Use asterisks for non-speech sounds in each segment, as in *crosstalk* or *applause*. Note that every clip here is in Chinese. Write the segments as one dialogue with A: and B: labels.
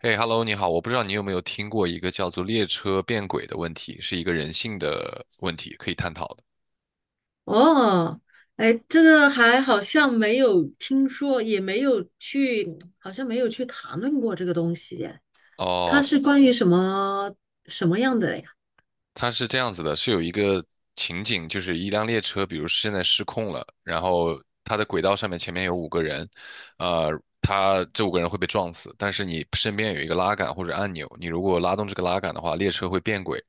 A: 嘿，Hello，你好，我不知道你有没有听过一个叫做“列车变轨”的问题，是一个人性的问题，可以探讨的。
B: 哦，哎，这个还好像没有听说，也没有去，好像没有去谈论过这个东西耶。它
A: 哦，
B: 是关于什么什么样的呀？
A: 它是这样子的，是有一个情景，就是一辆列车，比如现在失控了，然后它的轨道上面前面有五个人，呃，他这五个人会被撞死，但是你身边有一个拉杆或者按钮，你如果拉动这个拉杆的话，列车会变轨，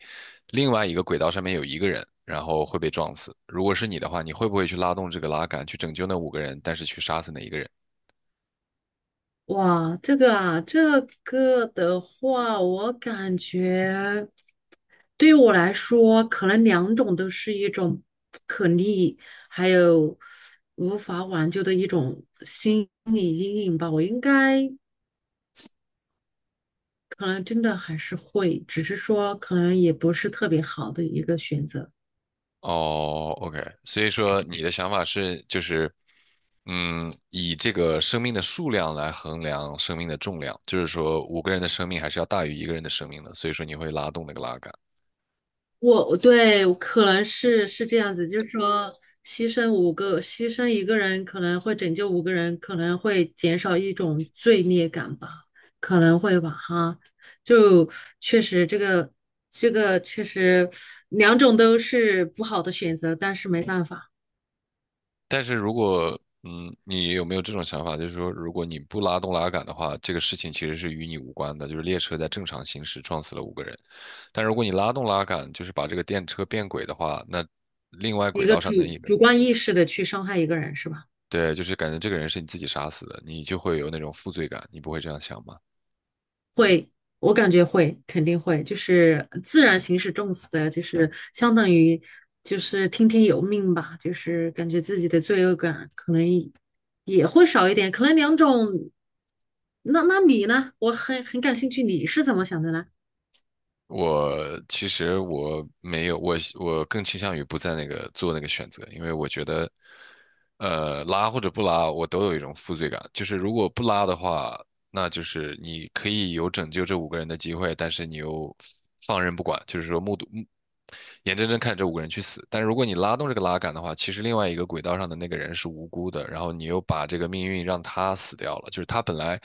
A: 另外一个轨道上面有一个人，然后会被撞死。如果是你的话，你会不会去拉动这个拉杆去拯救那五个人，但是去杀死那一个人？
B: 哇，这个啊，这个的话，我感觉对于我来说，可能两种都是一种不可逆，还有无法挽救的一种心理阴影吧。我应该。可能真的还是会，只是说可能也不是特别好的一个选择。
A: 哦，OK，所以说你的想法是，就是，嗯，以这个生命的数量来衡量生命的重量，就是说五个人的生命还是要大于一个人的生命的，所以说你会拉动那个拉杆。
B: 我对，可能是这样子，就是说牺牲五个，牺牲一个人可能会拯救五个人，可能会减少一种罪孽感吧，可能会吧，哈，就确实这个这个确实两种都是不好的选择，但是没办法。
A: 但是如果，嗯，你有没有这种想法，就是说，如果你不拉动拉杆的话，这个事情其实是与你无关的，就是列车在正常行驶撞死了五个人，但如果你拉动拉杆，就是把这个电车变轨的话，那另外
B: 一
A: 轨
B: 个
A: 道上的一
B: 主
A: 个人。
B: 主观意识的去伤害一个人是吧？
A: 对，就是感觉这个人是你自己杀死的，你就会有那种负罪感，你不会这样想吗？
B: 会，我感觉会，肯定会，就是自然形式重死的，就是相当于就是听天由命吧，就是感觉自己的罪恶感可能也会少一点，可能两种。那你呢？我很感兴趣，你是怎么想的呢？
A: 我其实我没有，我更倾向于不在那个做那个选择，因为我觉得拉或者不拉，我都有一种负罪感。就是如果不拉的话，那就是你可以有拯救这五个人的机会，但是你又放任不管，就是说目睹目眼睁睁看着这五个人去死。但是如果你拉动这个拉杆的话，其实另外一个轨道上的那个人是无辜的，然后你又把这个命运让他死掉了。就是他本来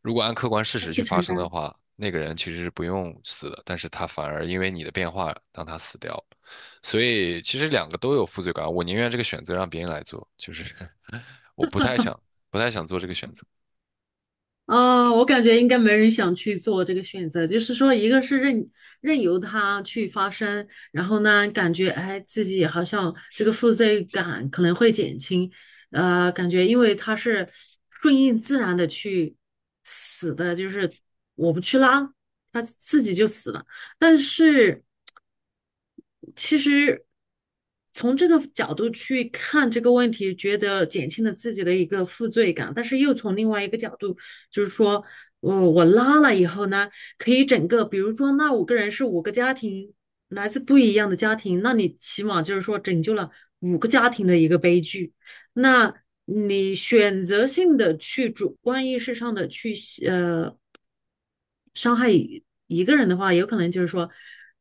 A: 如果按客观事
B: 要
A: 实去
B: 去
A: 发
B: 承
A: 生的
B: 担。
A: 话，那个人其实是不用死的，但是他反而因为你的变化让他死掉了。所以其实两个都有负罪感，我宁愿这个选择让别人来做，就是 *laughs* 我不太想做这个选择。
B: 嗯，我感觉应该没人想去做这个选择，就是说，一个是任由它去发生，然后呢，感觉哎，自己好像这个负罪感可能会减轻，感觉因为它是顺应自然的去死的，就是我不去拉，它自己就死了。但是其实从这个角度去看这个问题，觉得减轻了自己的一个负罪感，但是又从另外一个角度。就是说，我拉了以后呢，可以整个，比如说那五个人是五个家庭，来自不一样的家庭，那你起码就是说拯救了五个家庭的一个悲剧。那你选择性的去主观意识上的去呃伤害一个人的话，有可能就是说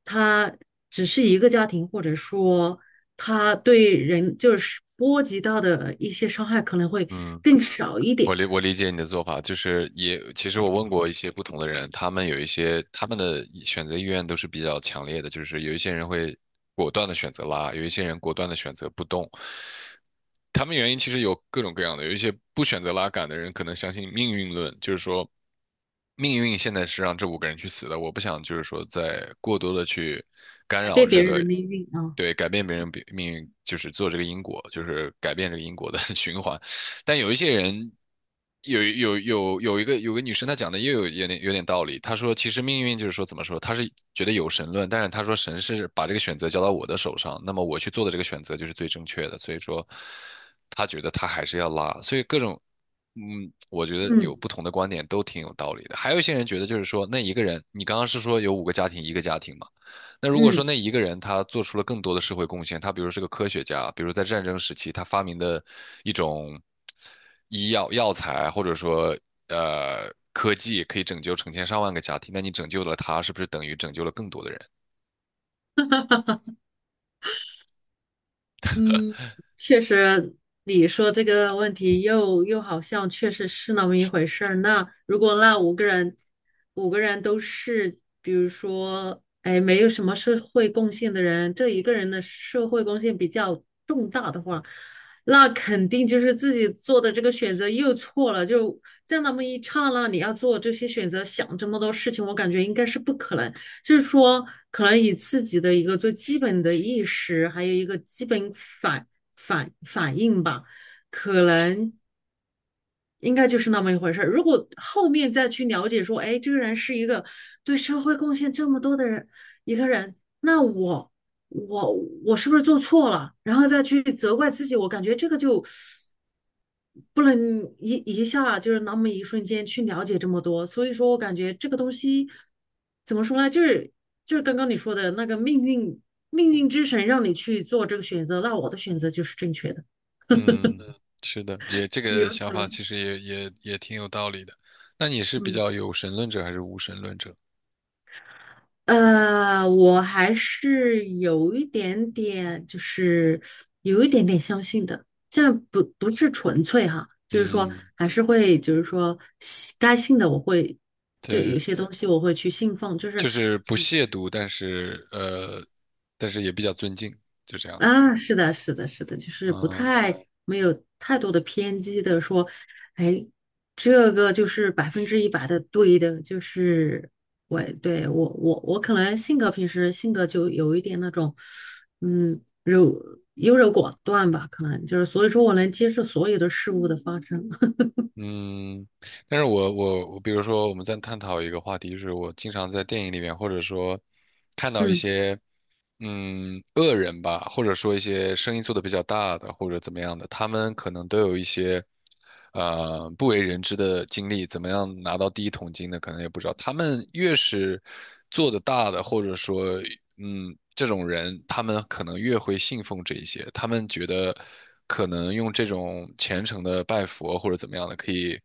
B: 他只是一个家庭，或者说他对人就是波及到的一些伤害可能会
A: 嗯，
B: 更少一点，
A: 我理解你的做法，就是也其实我问过一些不同的人，他们有一些他们的选择意愿都是比较强烈的，就是有一些人会果断的选择拉，有一些人果断的选择不动，他们原因其实有各种各样的，有一些不选择拉杆的人可能相信命运论，就是说命运现在是让这五个人去死的，我不想就是说再过多的去干
B: 改
A: 扰
B: 变
A: 这
B: 别人的
A: 个，
B: 命运啊，
A: 对，改变别人比命运，就是做这个因果，就是改变这个因果的 *laughs* 循环。但有一些人，有个女生，她讲的也有点道理。她说，其实命运就是说，怎么说？她是觉得有神论，但是她说神是把这个选择交到我的手上，那么我去做的这个选择就是最正确的。所以说，她觉得她还是要拉。所以各种，嗯，我觉得有
B: 嗯
A: 不同的观点都挺有道理的。还有一些人觉得就是说，那一个人，你刚刚是说有五个家庭，一个家庭嘛？那如果说
B: 嗯。
A: 那一个人他做出了更多的社会贡献，他比如是个科学家，比如在战争时期他发明的一种医药药材，或者说科技，可以拯救成千上万个家庭，那你拯救了他，是不是等于拯救了更多的人？
B: 嗯，确实，你说这个问题又好像确实是那么一回事儿。那如果那五个人，五个人都是，比如说，哎，没有什么社会贡献的人，这一个人的社会贡献比较重大的话，那肯定就是自己做的这个选择又错了。就在那么一刹那，你要做这些选择，想这么多事情，我感觉应该是不可能。就是说，可能以自己的一个最基本的意识，还有一个基本反应吧，可能应该就是那么一回事。如果后面再去了解说，哎，这个人是一个对社会贡献这么多的人，一个人，那我我是不是做错了？然后再去责怪自己，我感觉这个就不能一下就是那么一瞬间去了解这么多，所以说我感觉这个东西怎么说呢，就是刚刚你说的那个命运之神让你去做这个选择，那我的选择就是正确的。
A: 嗯，是的，也这
B: 有
A: 个想
B: 可
A: 法
B: 能，
A: 其实也也挺有道理的。那你是比
B: 嗯，
A: 较有神论者还是无神论者？
B: 我还是有一点点，就是有一点点相信的，这不是纯粹哈，就是说
A: 嗯，
B: 还是会，就是说信该信的我会，就有
A: 对，
B: 些东西我会去信奉，就是
A: 就是不亵渎，但是但是也比较尊敬，就这样子。
B: 啊，是的，是的，是的，就是不
A: 嗯，
B: 太没有太多的偏激的说，哎，这个就是百分之一百的对的，就是我对我可能性格平时性格就有一点那种，嗯，优柔寡断吧，可能就是所以说我能接受所有的事物的发生。*laughs*
A: 嗯，但是我，比如说我们在探讨一个话题，就是我经常在电影里面，或者说看到一
B: 嗯，
A: 些，嗯，恶人吧，或者说一些生意做得比较大的，或者怎么样的，他们可能都有一些，呃，不为人知的经历，怎么样拿到第一桶金的，可能也不知道。他们越是做得大的，或者说，嗯，这种人，他们可能越会信奉这一些，他们觉得可能用这种虔诚的拜佛或者怎么样的，可以。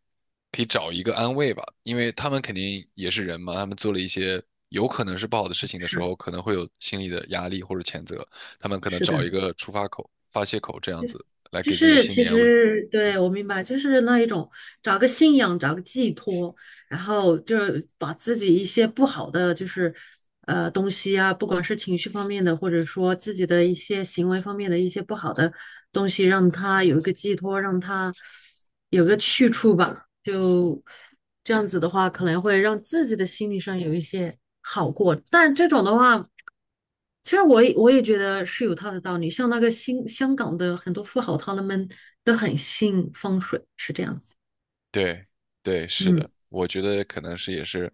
A: 可以找一个安慰吧，因为他们肯定也是人嘛，他们做了一些有可能是不好的事情的时
B: 是
A: 候，可能会有心理的压力或者谴责，他们可能
B: 是的，
A: 找一个出发口、发泄口这样子来
B: 就
A: 给自己的
B: 是
A: 心
B: 其
A: 理安慰。
B: 实对我明白，就是那一种找个信仰，找个寄托，然后就是把自己一些不好的就是东西啊，不管是情绪方面的，或者说自己的一些行为方面的一些不好的东西，让它有一个寄托，让它有个去处吧。就这样子的话，可能会让自己的心理上有一些好过。但这种的话，其实我也觉得是有它的道理。像那个新香港的很多富豪，他们都很信风水，是这样子。
A: 对，对，是
B: 嗯
A: 的，我觉得可能是也是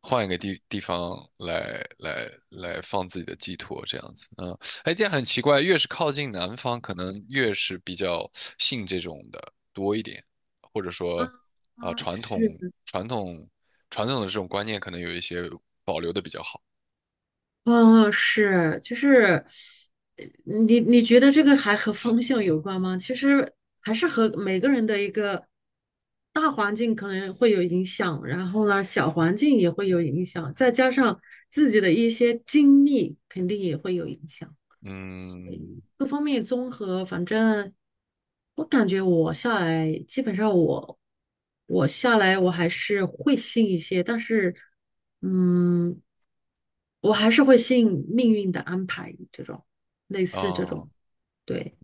A: 换一个方来放自己的寄托这样子，嗯，哎，这样很奇怪，越是靠近南方，可能越是比较信这种的多一点，或者说啊、
B: 啊，是，
A: 传统的这种观念可能有一些保留的比较好，
B: 啊，是，就是呃你觉得这个还和方向有关吗？其实还是和每个人的一个大环境可能会有影响，然后呢，小环境也会有影响，再加上自己的一些经历，肯定也会有影响。
A: 嗯
B: 各方面综合，反正我感觉我下来，基本上我下来我还是会信一些，但是嗯，我还是会信命运的安排这种，类似这
A: 啊、
B: 种。对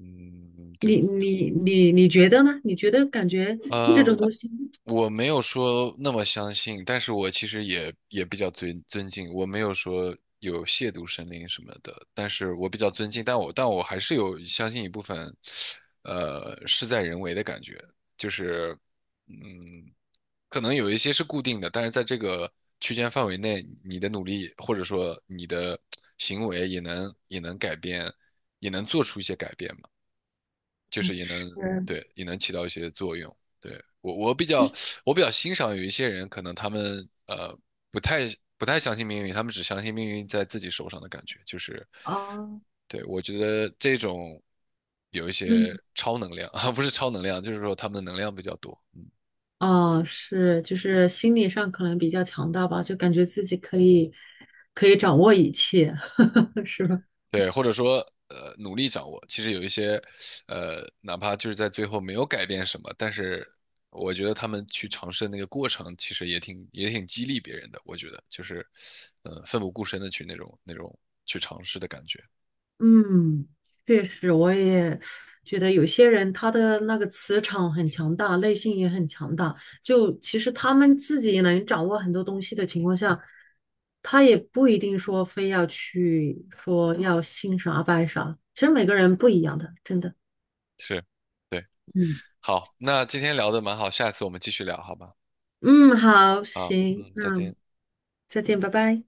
A: 嗯，就。
B: 你，你觉得呢？你觉得感觉这种
A: 呃
B: 东西 *laughs*
A: 我没有说那么相信，但是我其实也也比较尊敬，我没有说有亵渎神灵什么的，但是我比较尊敬，但我还是有相信一部分，呃，事在人为的感觉，就是，嗯，可能有一些是固定的，但是在这个区间范围内，你的努力或者说你的行为也能改变，也能做出一些改变吧。就
B: 嗯
A: 是也
B: 是
A: 能对也能起到一些作用。对比较欣赏有一些人，可能他们不太不太相信命运，他们只相信命运在自己手上的感觉，就是
B: 啊，
A: 对我觉得这种有一
B: 命
A: 些
B: 运
A: 超能量 *laughs* 啊，不是超能量，就是说他们的能量比较多。嗯
B: 哦，是，就是心理上可能比较强大吧，就感觉自己可以掌握一切。*laughs* 是吧？
A: 对，或者说努力掌握。其实有一些哪怕就是在最后没有改变什么，但是我觉得他们去尝试的那个过程，其实也挺激励别人的。我觉得就是嗯、奋不顾身的去那种去尝试的感觉
B: 嗯，确实，我也觉得有些人他的那个磁场很强大，内心也很强大。就其实他们自己能掌握很多东西的情况下，他也不一定说非要去说要信啥拜啥。其实每个人不一样的，真的。
A: 是，对。
B: 嗯
A: 好，那今天聊的蛮好，下次我们继续聊，好吧？
B: 嗯，好，
A: 啊，
B: 行，
A: 嗯，再
B: 那
A: 见。
B: 再见，拜拜。